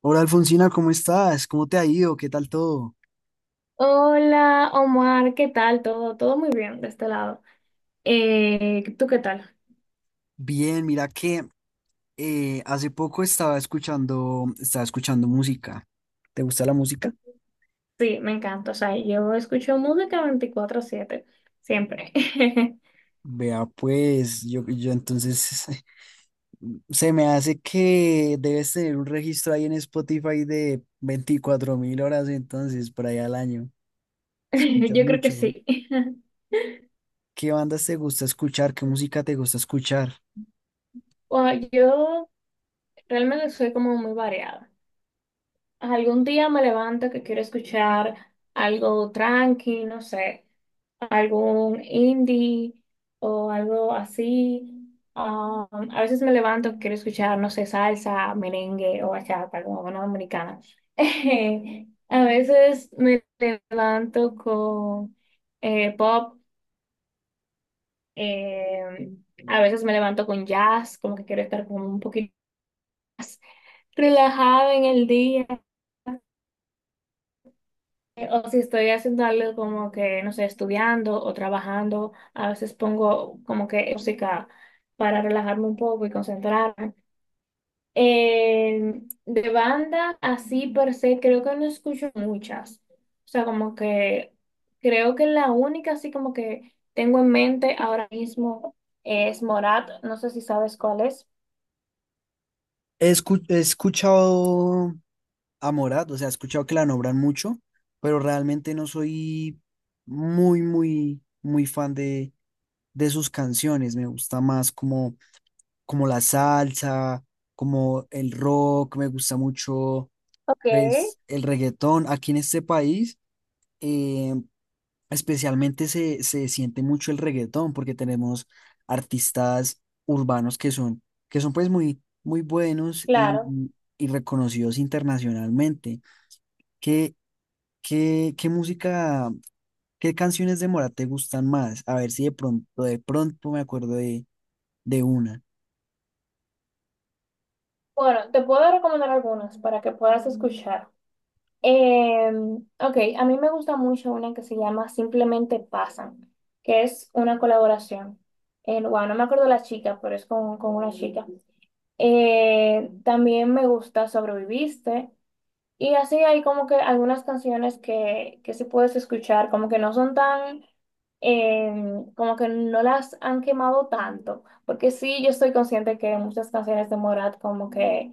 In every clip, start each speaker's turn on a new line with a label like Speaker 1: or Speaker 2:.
Speaker 1: Hola Alfonsina, ¿cómo estás? ¿Cómo te ha ido? ¿Qué tal todo?
Speaker 2: Hola Omar, ¿qué tal? Todo muy bien de este lado. ¿Tú qué tal?
Speaker 1: Bien, mira que hace poco estaba escuchando música. ¿Te gusta la música?
Speaker 2: Sí, me encanta. O sea, yo escucho música 24/7 siempre.
Speaker 1: Vea, pues yo entonces se me hace que debes tener un registro ahí en Spotify de 24.000 horas entonces por ahí al año. Escuchas
Speaker 2: Yo creo que
Speaker 1: mucho.
Speaker 2: sí.
Speaker 1: ¿Qué bandas te gusta escuchar? ¿Qué música te gusta escuchar?
Speaker 2: Bueno, yo realmente soy como muy variada. Algún día me levanto que quiero escuchar algo tranqui, no sé. Algún indie o algo así. Um, a veces me levanto, quiero escuchar, no sé, salsa, merengue o bachata, como una dominicana. A veces me levanto con pop, eh, a veces me levanto con jazz, como que quiero estar como un poquito más relajada en el día. O si estoy haciendo algo como que, no sé, estudiando o trabajando, a veces pongo como que música para relajarme un poco y concentrarme. Eh, de banda, así per se, creo que no escucho muchas. O sea, como que creo que la única así como que tengo en mente ahora mismo es Morat. No sé si sabes cuál es.
Speaker 1: He escuchado a Morat, o sea, he escuchado que la nombran mucho, pero realmente no soy muy, muy, muy fan de sus canciones. Me gusta más como la salsa, como el rock, me gusta mucho
Speaker 2: Ok,
Speaker 1: pues, el reggaetón. Aquí en este país, eh, especialmente se siente mucho el reggaetón porque tenemos artistas urbanos que son pues muy, muy buenos
Speaker 2: claro.
Speaker 1: y reconocidos internacionalmente que ¿qué música, qué canciones de Mora te gustan más? A ver si de pronto me acuerdo de una.
Speaker 2: Bueno, te puedo recomendar algunas para que puedas escuchar. Eh, ok, a mí me gusta mucho una que se llama Simplemente Pasan, que es una colaboración. Bueno, no me acuerdo la chica, pero es con una chica. También me gusta Sobreviviste. Y así hay como que algunas canciones que sí puedes escuchar, como que no son tan, eh, como que no las han quemado tanto. Porque sí, yo estoy consciente que muchas canciones de Morat como que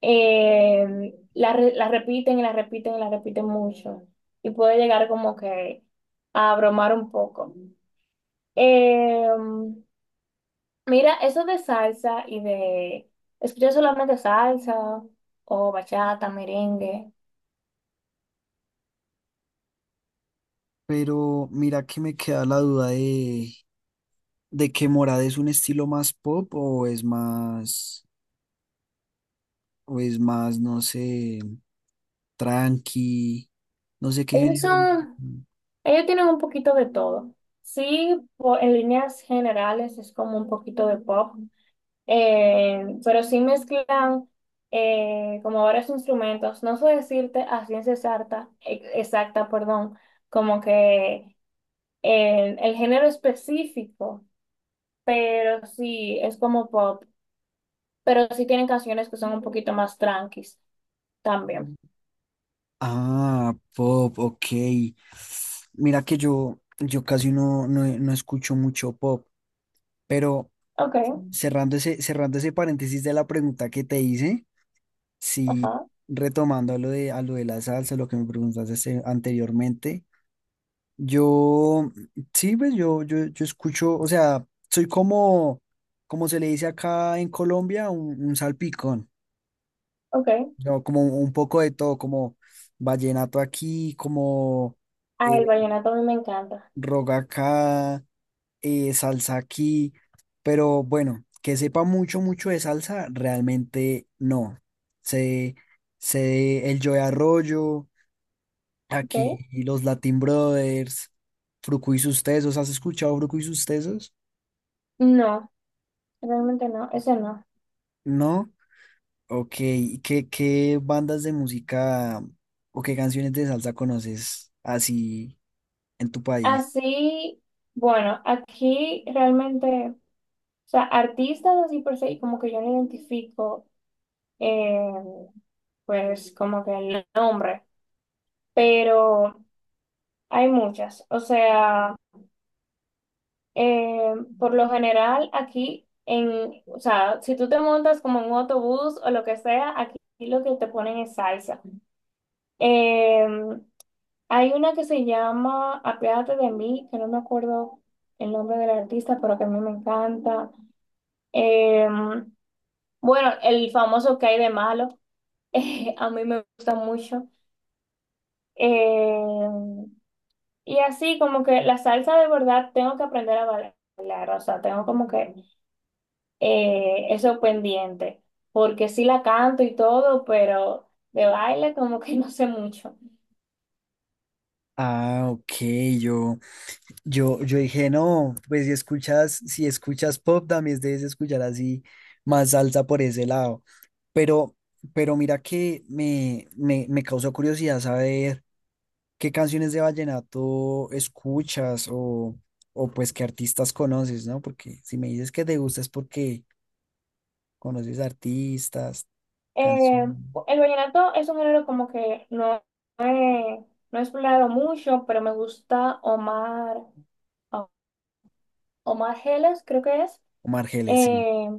Speaker 2: la, la repiten y la repiten y la repiten mucho. Y puede llegar como que a bromar un poco. Eh, Mira, eso de salsa y de escuchar solamente salsa o bachata, merengue,
Speaker 1: Pero mira que me queda la duda de que Morad es un estilo más pop o es más, no sé, tranqui, no sé qué
Speaker 2: ellos
Speaker 1: género.
Speaker 2: son, ellos tienen un poquito de todo. Sí, en líneas generales es como un poquito de pop. Pero sí mezclan como varios instrumentos. No sé decirte a ciencia exacta, exacta, perdón, como que el género específico, pero sí es como pop. Pero sí tienen canciones que son un poquito más tranquis también.
Speaker 1: Ah, pop, ok. Mira que yo casi no escucho mucho pop, pero
Speaker 2: Ok,
Speaker 1: cerrando ese paréntesis de la pregunta que te hice. Sí,
Speaker 2: ajá,
Speaker 1: retomando a a lo de la salsa, lo que me preguntaste este, anteriormente, yo, sí, pues yo escucho, o sea, soy como, como se le dice acá en Colombia, un salpicón,
Speaker 2: ok.
Speaker 1: ¿no? Como un poco de todo, como vallenato aquí, como
Speaker 2: Ah, el
Speaker 1: eh,
Speaker 2: vallenato a mí me encanta.
Speaker 1: roga acá, salsa aquí, pero bueno, que sepa mucho, mucho de salsa, realmente no. Sé, Sé el Joe Arroyo.
Speaker 2: Ok.
Speaker 1: Aquí los Latin Brothers, Fruco y sus Tesos. ¿Has escuchado Fruco y sus Tesos?
Speaker 2: No, realmente no, ese no.
Speaker 1: ¿No? Ok. ¿Y qué bandas de música o qué canciones de salsa conoces así en tu país?
Speaker 2: Así, bueno, aquí realmente. O sea, artistas así por se, como que yo no identifico, eh, pues como que el nombre, pero hay muchas. O sea, eh, por lo general aquí, en, o sea, si tú te montas como en un autobús o lo que sea, aquí lo que te ponen es salsa. Eh, Hay una que se llama Apiádate de mí, que no me acuerdo el nombre del artista, pero que a mí me encanta. Eh, bueno, el famoso que hay de malo. A mí me gusta mucho. Eh, y así como que la salsa de verdad tengo que aprender a bailar, o sea, tengo como que eso pendiente, porque sí la canto y todo, pero de baile como que no sé mucho.
Speaker 1: Ah, ok, yo, yo dije, no, pues si escuchas, si escuchas pop, también debes escuchar así más salsa por ese lado. Pero, pero mira que me causó curiosidad saber. ¿Qué canciones de vallenato escuchas o pues qué artistas conoces, ¿no? Porque si me dices que te gusta es porque conoces artistas,
Speaker 2: Eh,
Speaker 1: canciones.
Speaker 2: el vallenato es un género como que no, he, no he explorado mucho, pero me gusta Omar, Omar Geles, creo que es.
Speaker 1: Omar Geles, sí,
Speaker 2: Eh,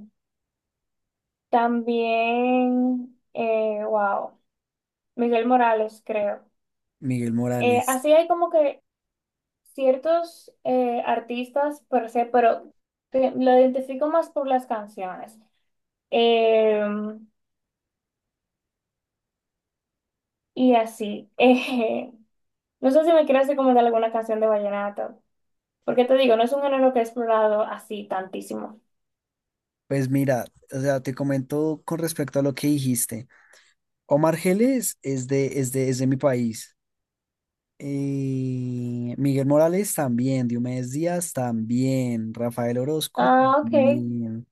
Speaker 2: También, wow. Miguel Morales, creo.
Speaker 1: Miguel Morales.
Speaker 2: Así hay como que ciertos artistas per se, pero lo identifico más por las canciones. Eh, y así. No sé si me quieres recomendar alguna canción de vallenato, porque te digo, no es un género que he explorado así tantísimo.
Speaker 1: Pues mira, o sea, te comento con respecto a lo que dijiste. Omar Geles es de mi país. Miguel Morales también, Diomedes Díaz también, Rafael Orozco
Speaker 2: Ah, ok.
Speaker 1: también.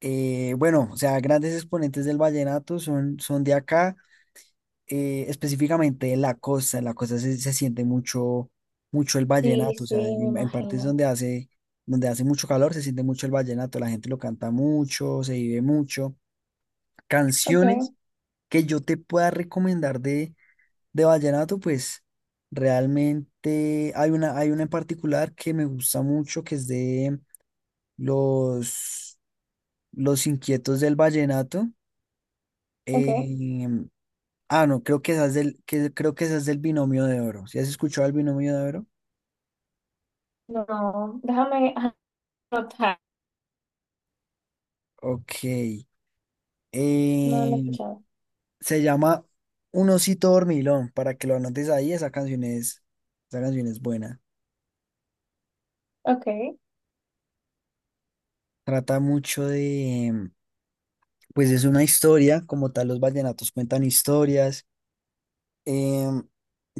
Speaker 1: Bueno, o sea, grandes exponentes del vallenato son, son de acá, específicamente de la costa. En la costa se siente mucho, mucho el
Speaker 2: Sí,
Speaker 1: vallenato, o
Speaker 2: sí,
Speaker 1: sea,
Speaker 2: me
Speaker 1: en partes
Speaker 2: imagino.
Speaker 1: donde donde hace mucho calor se siente mucho el vallenato, la gente lo canta mucho, se vive mucho. Canciones
Speaker 2: Ok,
Speaker 1: que yo te pueda recomendar de vallenato, pues realmente hay una en particular que me gusta mucho, que es de los, los Inquietos del Vallenato.
Speaker 2: ok.
Speaker 1: Eh, no, creo que esa es creo que esa es del binomio de oro. ¿Si has escuchado el binomio de oro?
Speaker 2: No, déjame anotar.
Speaker 1: Ok.
Speaker 2: No, no he
Speaker 1: Eh,
Speaker 2: escuchado.
Speaker 1: Se llama Un osito dormilón, para que lo anotes ahí, esa canción esa canción es buena.
Speaker 2: Ok,
Speaker 1: Trata mucho de, pues es una historia, como tal los vallenatos cuentan historias. Eh,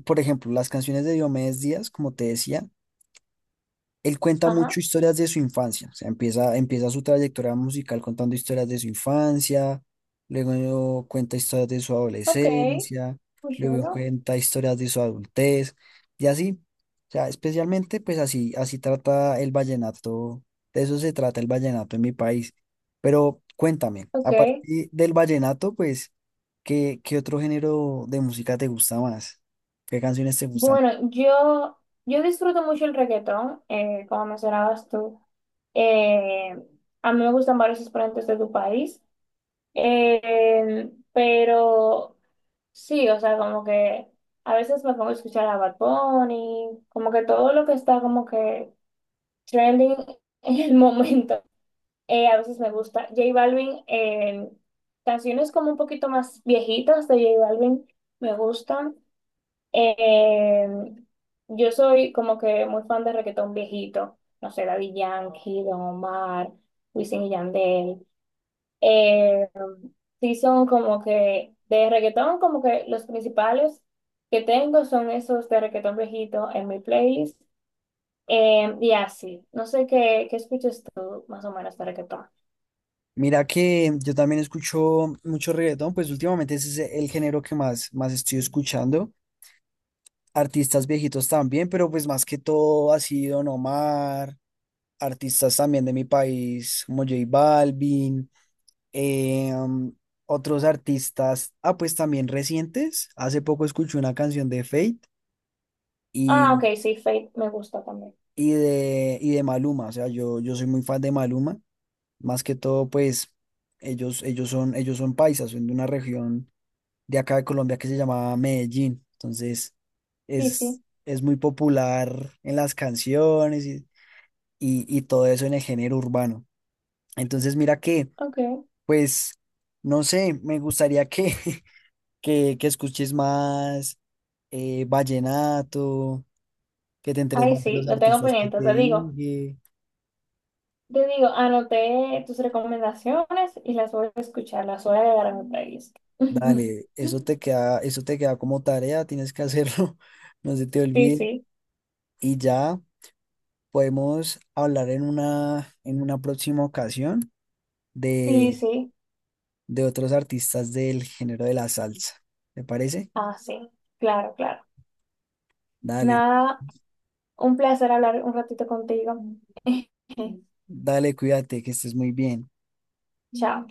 Speaker 1: por ejemplo, las canciones de Diomedes Díaz, como te decía, él cuenta mucho
Speaker 2: ajá.
Speaker 1: historias de su infancia, o sea, empieza su trayectoria musical contando historias de su infancia, luego cuenta historias de su
Speaker 2: Ok,
Speaker 1: adolescencia,
Speaker 2: muy
Speaker 1: luego
Speaker 2: chulo.
Speaker 1: cuenta historias de su adultez, y así, o sea, especialmente pues así, así trata el vallenato, de eso se trata el vallenato en mi país. Pero cuéntame, a
Speaker 2: Ok.
Speaker 1: partir del vallenato, pues, ¿qué otro género de música te gusta más? ¿Qué canciones te gustan?
Speaker 2: Bueno, yo disfruto mucho el reggaetón, como mencionabas tú. Eh, a mí me gustan varios exponentes de tu país. Pero sí, o sea, como que a veces me pongo a escuchar a Bad Bunny, como que todo lo que está como que trending en el momento, a veces me gusta. J Balvin, canciones como un poquito más viejitas de J Balvin me gustan. Eh, yo soy como que muy fan de reggaetón viejito, no sé, Daddy Yankee, Don Omar, Wisin y Yandel. Eh, sí son como que de reggaetón, como que los principales que tengo son esos de reggaetón viejito en mi playlist. Y así, no sé qué, qué escuchas tú más o menos de reggaetón.
Speaker 1: Mira que yo también escucho mucho reggaetón, pues últimamente ese es el género que más, más estoy escuchando. Artistas viejitos también, pero pues más que todo ha sido Don Omar, artistas también de mi país como J Balvin, eh, um, otros artistas, ah, pues también recientes. Hace poco escuché una canción de Fate
Speaker 2: Ah,
Speaker 1: y,
Speaker 2: ok, sí, Fate me gusta también.
Speaker 1: y de Maluma, o sea, yo soy muy fan de Maluma, más que todo pues ellos son paisas, son de una región de acá de Colombia que se llamaba Medellín. Entonces
Speaker 2: Sí, sí,
Speaker 1: es muy popular en las canciones y todo eso en el género urbano. Entonces mira que,
Speaker 2: ok.
Speaker 1: pues, no sé, me gustaría que, que escuches más vallenato, que te enteres
Speaker 2: Ahí
Speaker 1: más de
Speaker 2: sí,
Speaker 1: los
Speaker 2: lo tengo
Speaker 1: artistas que
Speaker 2: pendiente,
Speaker 1: te
Speaker 2: te digo.
Speaker 1: dije.
Speaker 2: Yo digo, anoté tus recomendaciones y las voy a escuchar, las voy a agregar a mi playlist.
Speaker 1: Dale, eso te queda como tarea, tienes que hacerlo, no se te
Speaker 2: Sí,
Speaker 1: olvide.
Speaker 2: sí,
Speaker 1: Y ya. Podemos hablar en una próxima ocasión
Speaker 2: sí,
Speaker 1: de,
Speaker 2: sí.
Speaker 1: de otros artistas del género de la salsa. ¿Te parece?
Speaker 2: Ah, sí, claro, claro.
Speaker 1: Dale,
Speaker 2: Nada, un placer hablar un ratito contigo.
Speaker 1: dale, cuídate, que estés muy bien.
Speaker 2: Chao.